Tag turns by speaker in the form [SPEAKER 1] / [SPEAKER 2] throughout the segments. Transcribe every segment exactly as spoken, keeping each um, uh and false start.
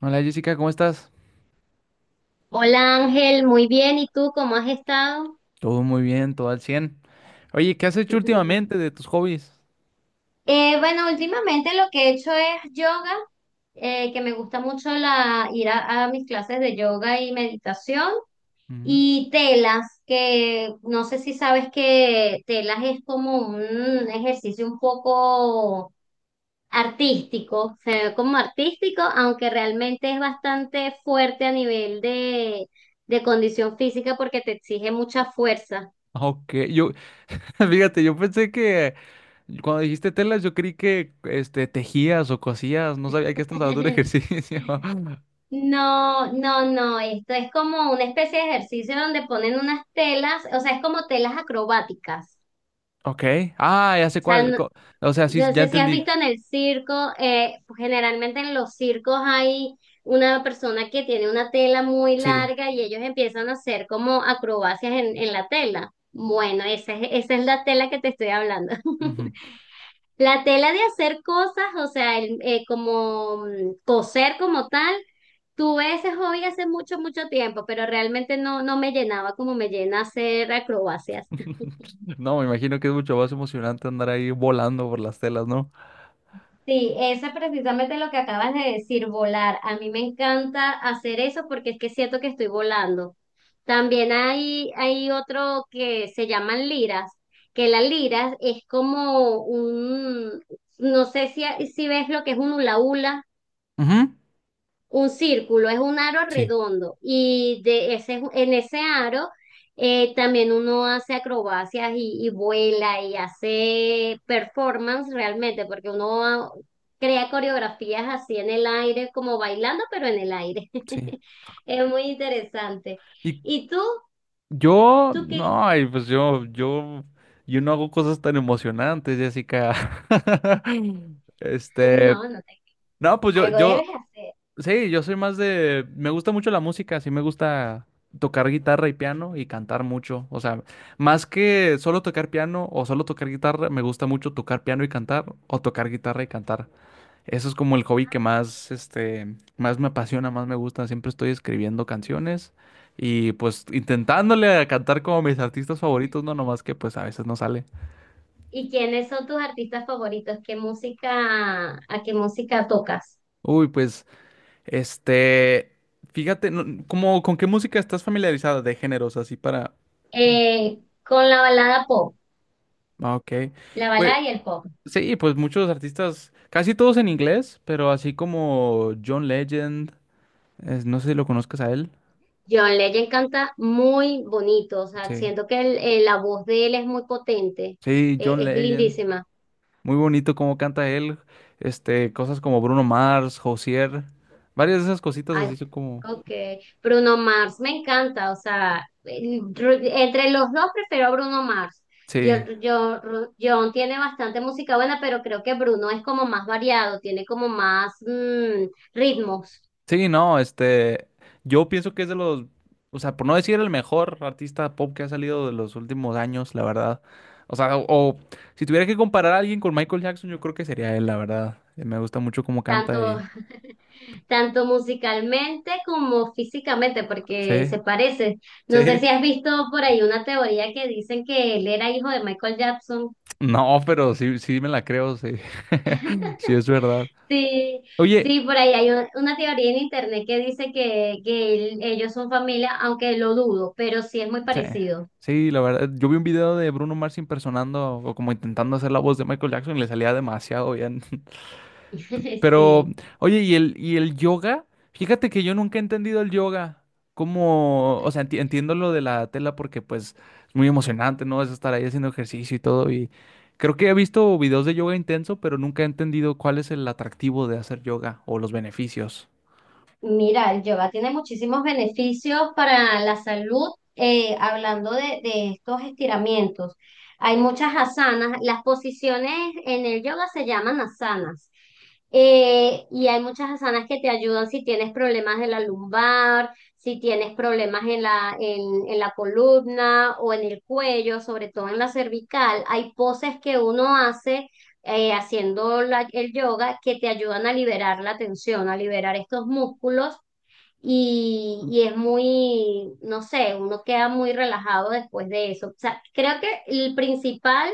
[SPEAKER 1] Hola Jessica, ¿cómo estás?
[SPEAKER 2] Hola Ángel, muy bien. ¿Y tú cómo has estado?
[SPEAKER 1] Todo muy bien, todo al cien. Oye, ¿qué has hecho últimamente de tus hobbies?
[SPEAKER 2] Eh, bueno, últimamente lo que he hecho es yoga, eh, que me gusta mucho la, ir a, a mis clases de yoga y meditación,
[SPEAKER 1] Ujú.
[SPEAKER 2] y telas, que no sé si sabes que telas es como un ejercicio un poco artístico, se ve como artístico, aunque realmente es bastante fuerte a nivel de, de condición física porque te exige mucha fuerza.
[SPEAKER 1] Ah, ok, yo, fíjate, yo pensé que cuando dijiste telas, yo creí que este, tejías o cosías, no sabía que estás hablando de ejercicio.
[SPEAKER 2] No, no, no, esto es como una especie de ejercicio donde ponen unas telas, o sea, es como telas acrobáticas.
[SPEAKER 1] Ok. Ah, ya sé
[SPEAKER 2] O sea,
[SPEAKER 1] cuál.
[SPEAKER 2] no,
[SPEAKER 1] co- O sea, sí,
[SPEAKER 2] no
[SPEAKER 1] ya
[SPEAKER 2] sé si has
[SPEAKER 1] entendí,
[SPEAKER 2] visto en el circo, eh, pues generalmente en los circos hay una persona que tiene una tela muy
[SPEAKER 1] sí.
[SPEAKER 2] larga y ellos empiezan a hacer como acrobacias en, en la tela. Bueno, esa es, esa es la tela que te estoy hablando.
[SPEAKER 1] Ujú.
[SPEAKER 2] La tela de hacer cosas, o sea, el- eh, como mm, coser como tal. Tuve ese hobby hace mucho, mucho tiempo, pero realmente no, no me llenaba como me llena hacer acrobacias.
[SPEAKER 1] No, me imagino que es mucho más emocionante andar ahí volando por las telas, ¿no?
[SPEAKER 2] Sí, eso es precisamente lo que acabas de decir, volar. A mí me encanta hacer eso porque es que siento que estoy volando. También hay, hay otro que se llaman liras, que la lira es como un, no sé si, si ves lo que es un hula hula.
[SPEAKER 1] Ujú.
[SPEAKER 2] Un círculo es un aro
[SPEAKER 1] Sí,
[SPEAKER 2] redondo y de ese, en ese aro eh, también uno hace acrobacias y, y vuela y hace performance realmente, porque uno crea coreografías así en el aire, como bailando, pero en el aire.
[SPEAKER 1] sí.
[SPEAKER 2] Es muy interesante.
[SPEAKER 1] ¿Y,
[SPEAKER 2] ¿Y tú?
[SPEAKER 1] Yo,
[SPEAKER 2] ¿Tú qué?
[SPEAKER 1] no, ay, pues yo, yo, yo no hago cosas tan emocionantes, Jessica. Este,
[SPEAKER 2] No, no te...
[SPEAKER 1] no, pues yo,
[SPEAKER 2] Algo
[SPEAKER 1] yo,
[SPEAKER 2] debes hacer.
[SPEAKER 1] sí, yo soy más de, me gusta mucho la música, sí me gusta tocar guitarra y piano y cantar mucho. O sea, más que solo tocar piano o solo tocar guitarra, me gusta mucho tocar piano y cantar o tocar guitarra y cantar. Eso es como el hobby que más, este, más me apasiona, más me gusta. Siempre estoy escribiendo canciones y pues intentándole a cantar como mis artistas favoritos, no nomás que pues a veces no sale.
[SPEAKER 2] ¿Y quiénes son tus artistas favoritos? ¿Qué música, a qué música tocas?
[SPEAKER 1] Uy, pues, este, fíjate, no- como, ¿con qué música estás familiarizada de géneros así para...?
[SPEAKER 2] Eh, con la balada pop.
[SPEAKER 1] Ah, ok,
[SPEAKER 2] La
[SPEAKER 1] pues
[SPEAKER 2] balada y el pop.
[SPEAKER 1] sí, pues muchos artistas, casi todos en inglés, pero así como John Legend, es- no sé si lo conozcas a él.
[SPEAKER 2] John Legend canta muy bonito, o sea,
[SPEAKER 1] Sí.
[SPEAKER 2] siento que el- eh, la voz de él es muy potente,
[SPEAKER 1] Sí,
[SPEAKER 2] eh,
[SPEAKER 1] John
[SPEAKER 2] es
[SPEAKER 1] Legend.
[SPEAKER 2] lindísima.
[SPEAKER 1] Muy bonito cómo canta él, este, cosas como Bruno Mars, Josier, varias de esas cositas
[SPEAKER 2] Ay,
[SPEAKER 1] así son como,
[SPEAKER 2] ok. Bruno Mars me encanta, o sea, eh, Ru- entre los dos prefiero a Bruno Mars. Yo,
[SPEAKER 1] sí,
[SPEAKER 2] yo, Ru- John tiene bastante música buena, pero creo que Bruno es como más variado, tiene como más mm, ritmos,
[SPEAKER 1] sí, no, este, yo pienso que es de los, o sea, por no decir el mejor artista pop que ha salido de los últimos años, la verdad, o sea, o, o si tuviera que comparar a alguien con Michael Jackson, yo creo que sería él, la verdad. Eh, me gusta mucho cómo canta
[SPEAKER 2] tanto
[SPEAKER 1] y,
[SPEAKER 2] tanto musicalmente como físicamente,
[SPEAKER 1] sí,
[SPEAKER 2] porque se parece. No sé
[SPEAKER 1] sí,
[SPEAKER 2] si has visto por ahí una teoría que dicen que él era hijo de Michael Jackson.
[SPEAKER 1] no, pero sí, sí me la creo, sí, sí es verdad.
[SPEAKER 2] Sí,
[SPEAKER 1] Oye.
[SPEAKER 2] sí, por ahí hay un- una teoría en internet que dice que, que él- ellos son familia, aunque lo dudo, pero sí es muy
[SPEAKER 1] Sí,
[SPEAKER 2] parecido.
[SPEAKER 1] sí, la verdad. Yo vi un video de Bruno Mars impersonando o como intentando hacer la voz de Michael Jackson y le salía demasiado bien. Pero,
[SPEAKER 2] Sí.
[SPEAKER 1] oye, ¿y el, y el yoga? Fíjate que yo nunca he entendido el yoga. Como, o sea, enti- entiendo lo de la tela porque pues es muy emocionante, ¿no? Es estar ahí haciendo ejercicio y todo. Y creo que he visto videos de yoga intenso, pero nunca he entendido cuál es el atractivo de hacer yoga o los beneficios.
[SPEAKER 2] Mira, el yoga tiene muchísimos beneficios para la salud, eh, hablando de, de estos estiramientos. Hay muchas asanas, las posiciones en el yoga se llaman asanas. Eh, y hay muchas asanas que te ayudan si tienes problemas de la lumbar, si tienes problemas en la, en, en la columna o en el cuello, sobre todo en la cervical. Hay poses que uno hace eh, haciendo la- el yoga que te ayudan a liberar la tensión, a liberar estos músculos y, y es muy, no sé, uno queda muy relajado después de eso. O sea, creo que el principal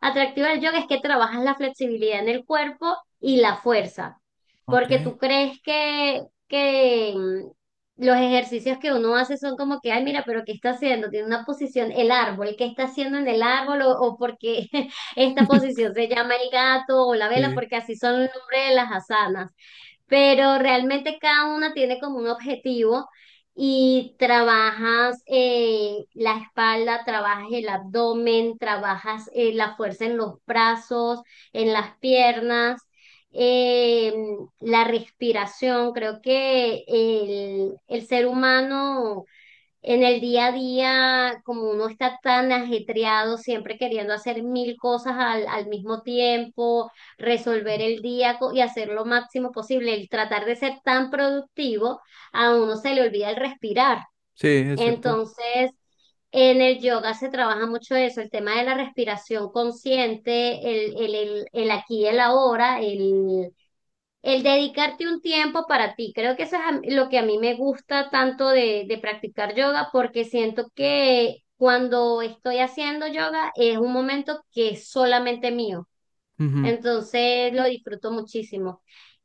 [SPEAKER 2] atractivo del yoga es que trabajas la flexibilidad en el cuerpo y la fuerza, porque tú
[SPEAKER 1] Ok.
[SPEAKER 2] crees que, que mm, los ejercicios que uno hace son como que, ay, mira, pero ¿qué está haciendo? Tiene una posición, el árbol, ¿qué está haciendo en el árbol? O, o porque esta posición se llama el gato o la vela,
[SPEAKER 1] Sí,
[SPEAKER 2] porque así son el nombre de las asanas, pero realmente cada una tiene como un objetivo y trabajas eh, la espalda, trabajas el abdomen, trabajas eh, la fuerza en los brazos, en las piernas, eh, la respiración. Creo que el, el ser humano en el día a día, como uno está tan ajetreado, siempre queriendo hacer mil cosas al, al mismo tiempo, resolver el día co- y hacer lo máximo posible, el tratar de ser tan productivo, a uno se le olvida el respirar.
[SPEAKER 1] sí, es cierto.
[SPEAKER 2] Entonces, en el yoga se trabaja mucho eso, el tema de la respiración consciente, el, el, el, el aquí y el ahora, el el dedicarte un tiempo para ti, creo que eso es a- lo que a mí me gusta tanto de, de practicar yoga, porque siento que cuando estoy haciendo yoga es un momento que es solamente mío, entonces lo disfruto muchísimo.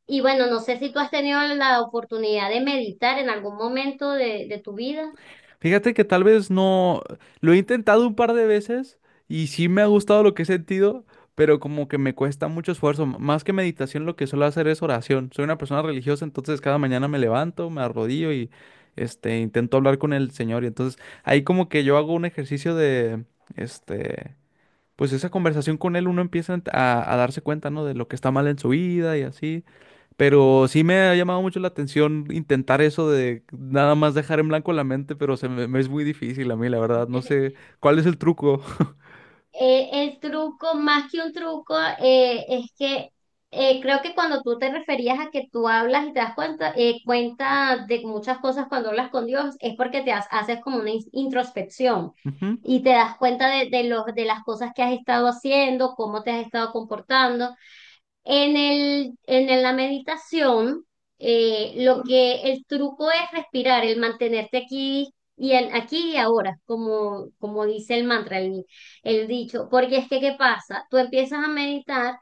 [SPEAKER 2] Y bueno, no sé si tú has tenido la oportunidad de meditar en algún momento de, de tu vida.
[SPEAKER 1] Fíjate que tal vez no, lo he intentado un par de veces y sí me ha gustado lo que he sentido, pero como que me cuesta mucho esfuerzo. M- Más que meditación, lo que suelo hacer es oración. Soy una persona religiosa, entonces cada mañana me levanto, me arrodillo y este intento hablar con el Señor. Y entonces ahí como que yo hago un ejercicio de este, pues esa conversación con él, uno empieza a, a darse cuenta, ¿no? De lo que está mal en su vida y así. Pero sí me ha llamado mucho la atención intentar eso de nada más dejar en blanco la mente, pero se me, me es muy difícil a mí, la verdad. No sé cuál es el truco.
[SPEAKER 2] Eh, el truco, más que un truco, eh, es que eh, creo que cuando tú te referías a que tú hablas y te das cuenta, eh, cuenta de muchas cosas cuando hablas con Dios, es porque te has- haces como una in- introspección
[SPEAKER 1] Ujú.
[SPEAKER 2] y te das cuenta de, de, los, de las cosas que has estado haciendo, cómo te has estado comportando. En el, en el- la meditación, eh, lo que el truco es respirar, el mantenerte aquí y en- aquí y ahora, como, como dice el mantra, el, el dicho, porque es que, ¿qué pasa? Tú empiezas a meditar.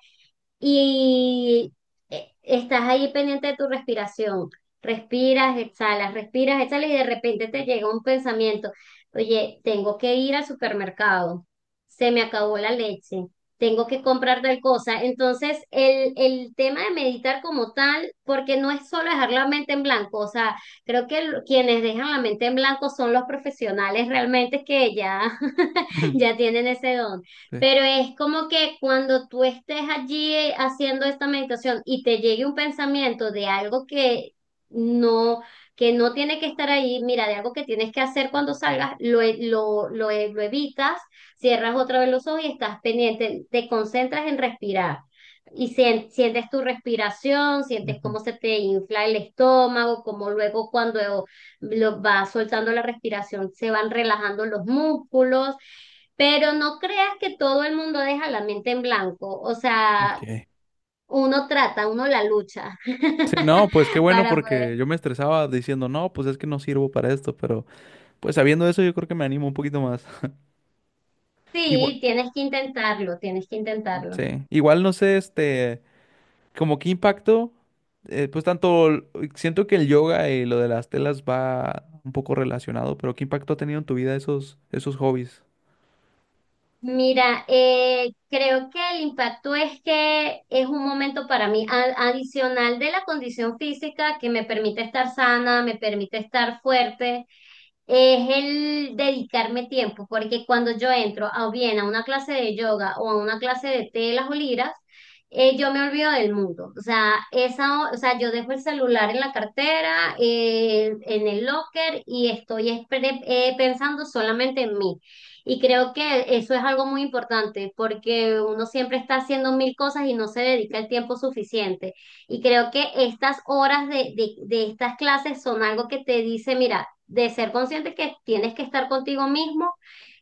[SPEAKER 2] Y eh, Estás ahí pendiente de tu respiración. Respiras, exhalas, respiras, exhalas y de repente te llega un pensamiento. Oye, tengo que ir al supermercado. Se me acabó la leche. Tengo que comprar tal cosa. Entonces, el, el tema de meditar como tal, porque no es solo dejar la mente en blanco. O sea, creo que lo- quienes dejan la mente en blanco son los profesionales realmente que ya,
[SPEAKER 1] Ujú.
[SPEAKER 2] ya tienen ese don,
[SPEAKER 1] Sí.
[SPEAKER 2] pero es como que cuando tú estés allí eh, haciendo esta meditación y te llegue un pensamiento de algo que no, que no tiene que estar ahí, mira, de algo que tienes que hacer cuando salgas, lo, e- lo, lo, e- lo evitas, cierras otra vez los ojos y estás pendiente, te concentras en respirar. Y sien- sientes tu respiración, sientes
[SPEAKER 1] Ujú.
[SPEAKER 2] cómo se te infla el estómago, cómo luego cuando lo vas soltando la respiración se van relajando los músculos. Pero no creas que todo el mundo deja la mente en blanco, o
[SPEAKER 1] Ok.
[SPEAKER 2] sea, uno trata, uno la lucha
[SPEAKER 1] Sí, no, pues qué bueno
[SPEAKER 2] para poder.
[SPEAKER 1] porque yo me estresaba diciendo, no, pues es que no sirvo para esto, pero pues sabiendo eso yo creo que me animo un poquito más. Igual.
[SPEAKER 2] Sí, tienes que intentarlo, tienes que intentarlo.
[SPEAKER 1] Sí, igual no sé, este, como qué impacto, eh, pues tanto, l- siento que el yoga y lo de las telas va un poco relacionado, pero qué impacto ha tenido en tu vida esos, esos hobbies.
[SPEAKER 2] Mira, eh, creo que el impacto es que es un momento para mí a- adicional de la condición física que me permite estar sana, me permite estar fuerte, es el dedicarme tiempo, porque cuando yo entro a, bien a una clase de yoga o a una clase de telas o liras, eh, yo me olvido del mundo. O sea, esa, o sea, yo dejo el celular en la cartera, eh, en el locker y estoy es- pre- eh, pensando solamente en mí. Y creo que eso es algo muy importante porque uno siempre está haciendo mil cosas y no se dedica el tiempo suficiente. Y creo que estas horas de, de, de estas clases son algo que te dice, mira, de ser consciente que tienes que estar contigo mismo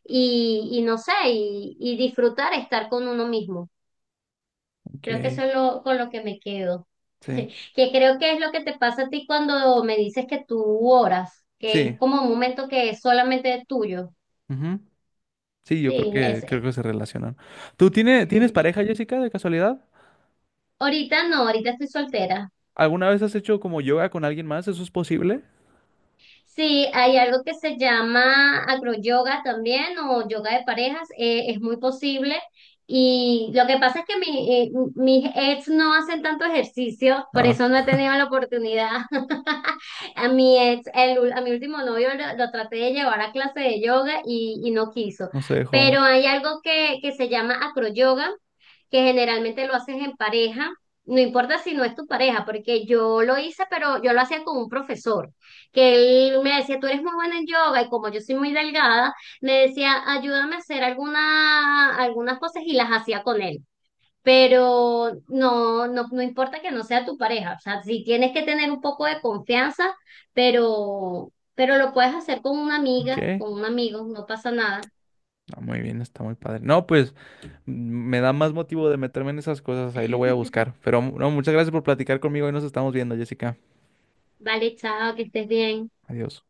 [SPEAKER 2] y, y no sé, y, y disfrutar estar con uno mismo. Creo que
[SPEAKER 1] Ok,
[SPEAKER 2] eso es lo, con lo que me quedo.
[SPEAKER 1] sí,
[SPEAKER 2] Que creo que es lo que te pasa a ti cuando me dices que tú oras, que es
[SPEAKER 1] sí,
[SPEAKER 2] como un momento que es solamente tuyo.
[SPEAKER 1] ujú. Sí, yo creo
[SPEAKER 2] Sí,
[SPEAKER 1] que
[SPEAKER 2] es.
[SPEAKER 1] creo que se relacionan. ¿Tú tiene- tienes pareja, Jessica, de casualidad?
[SPEAKER 2] Ahorita no, ahorita estoy soltera.
[SPEAKER 1] ¿Alguna vez has hecho como yoga con alguien más? ¿Eso es posible?
[SPEAKER 2] Sí, hay algo que se llama acroyoga también o yoga de parejas, eh, es muy posible. Y lo que pasa es que mi, eh, mis ex no hacen tanto ejercicio, por
[SPEAKER 1] Ah,
[SPEAKER 2] eso no he tenido la oportunidad. A mi ex, el, ul- a mi último novio lo, lo traté de llevar a clase de yoga y, y no quiso.
[SPEAKER 1] no se
[SPEAKER 2] Pero
[SPEAKER 1] dejó.
[SPEAKER 2] hay algo que, que se llama acroyoga, que generalmente lo haces en pareja, no importa si no es tu pareja, porque yo lo hice, pero yo lo hacía con un profesor, que él me decía, tú eres muy buena en yoga y como yo soy muy delgada, me decía, ayúdame a hacer alguna, algunas cosas y las hacía con él. Pero no, no, no importa que no sea tu pareja, o sea, sí tienes que tener un poco de confianza, pero, pero lo puedes hacer con una
[SPEAKER 1] Ok,
[SPEAKER 2] amiga, con un amigo, no pasa nada.
[SPEAKER 1] ah, muy bien, está muy padre. No, pues mm, me da más motivo de meterme en esas cosas, ahí lo voy a buscar. Pero no, muchas gracias por platicar conmigo y nos estamos viendo, Jessica.
[SPEAKER 2] Vale, chao, que estés bien.
[SPEAKER 1] Adiós.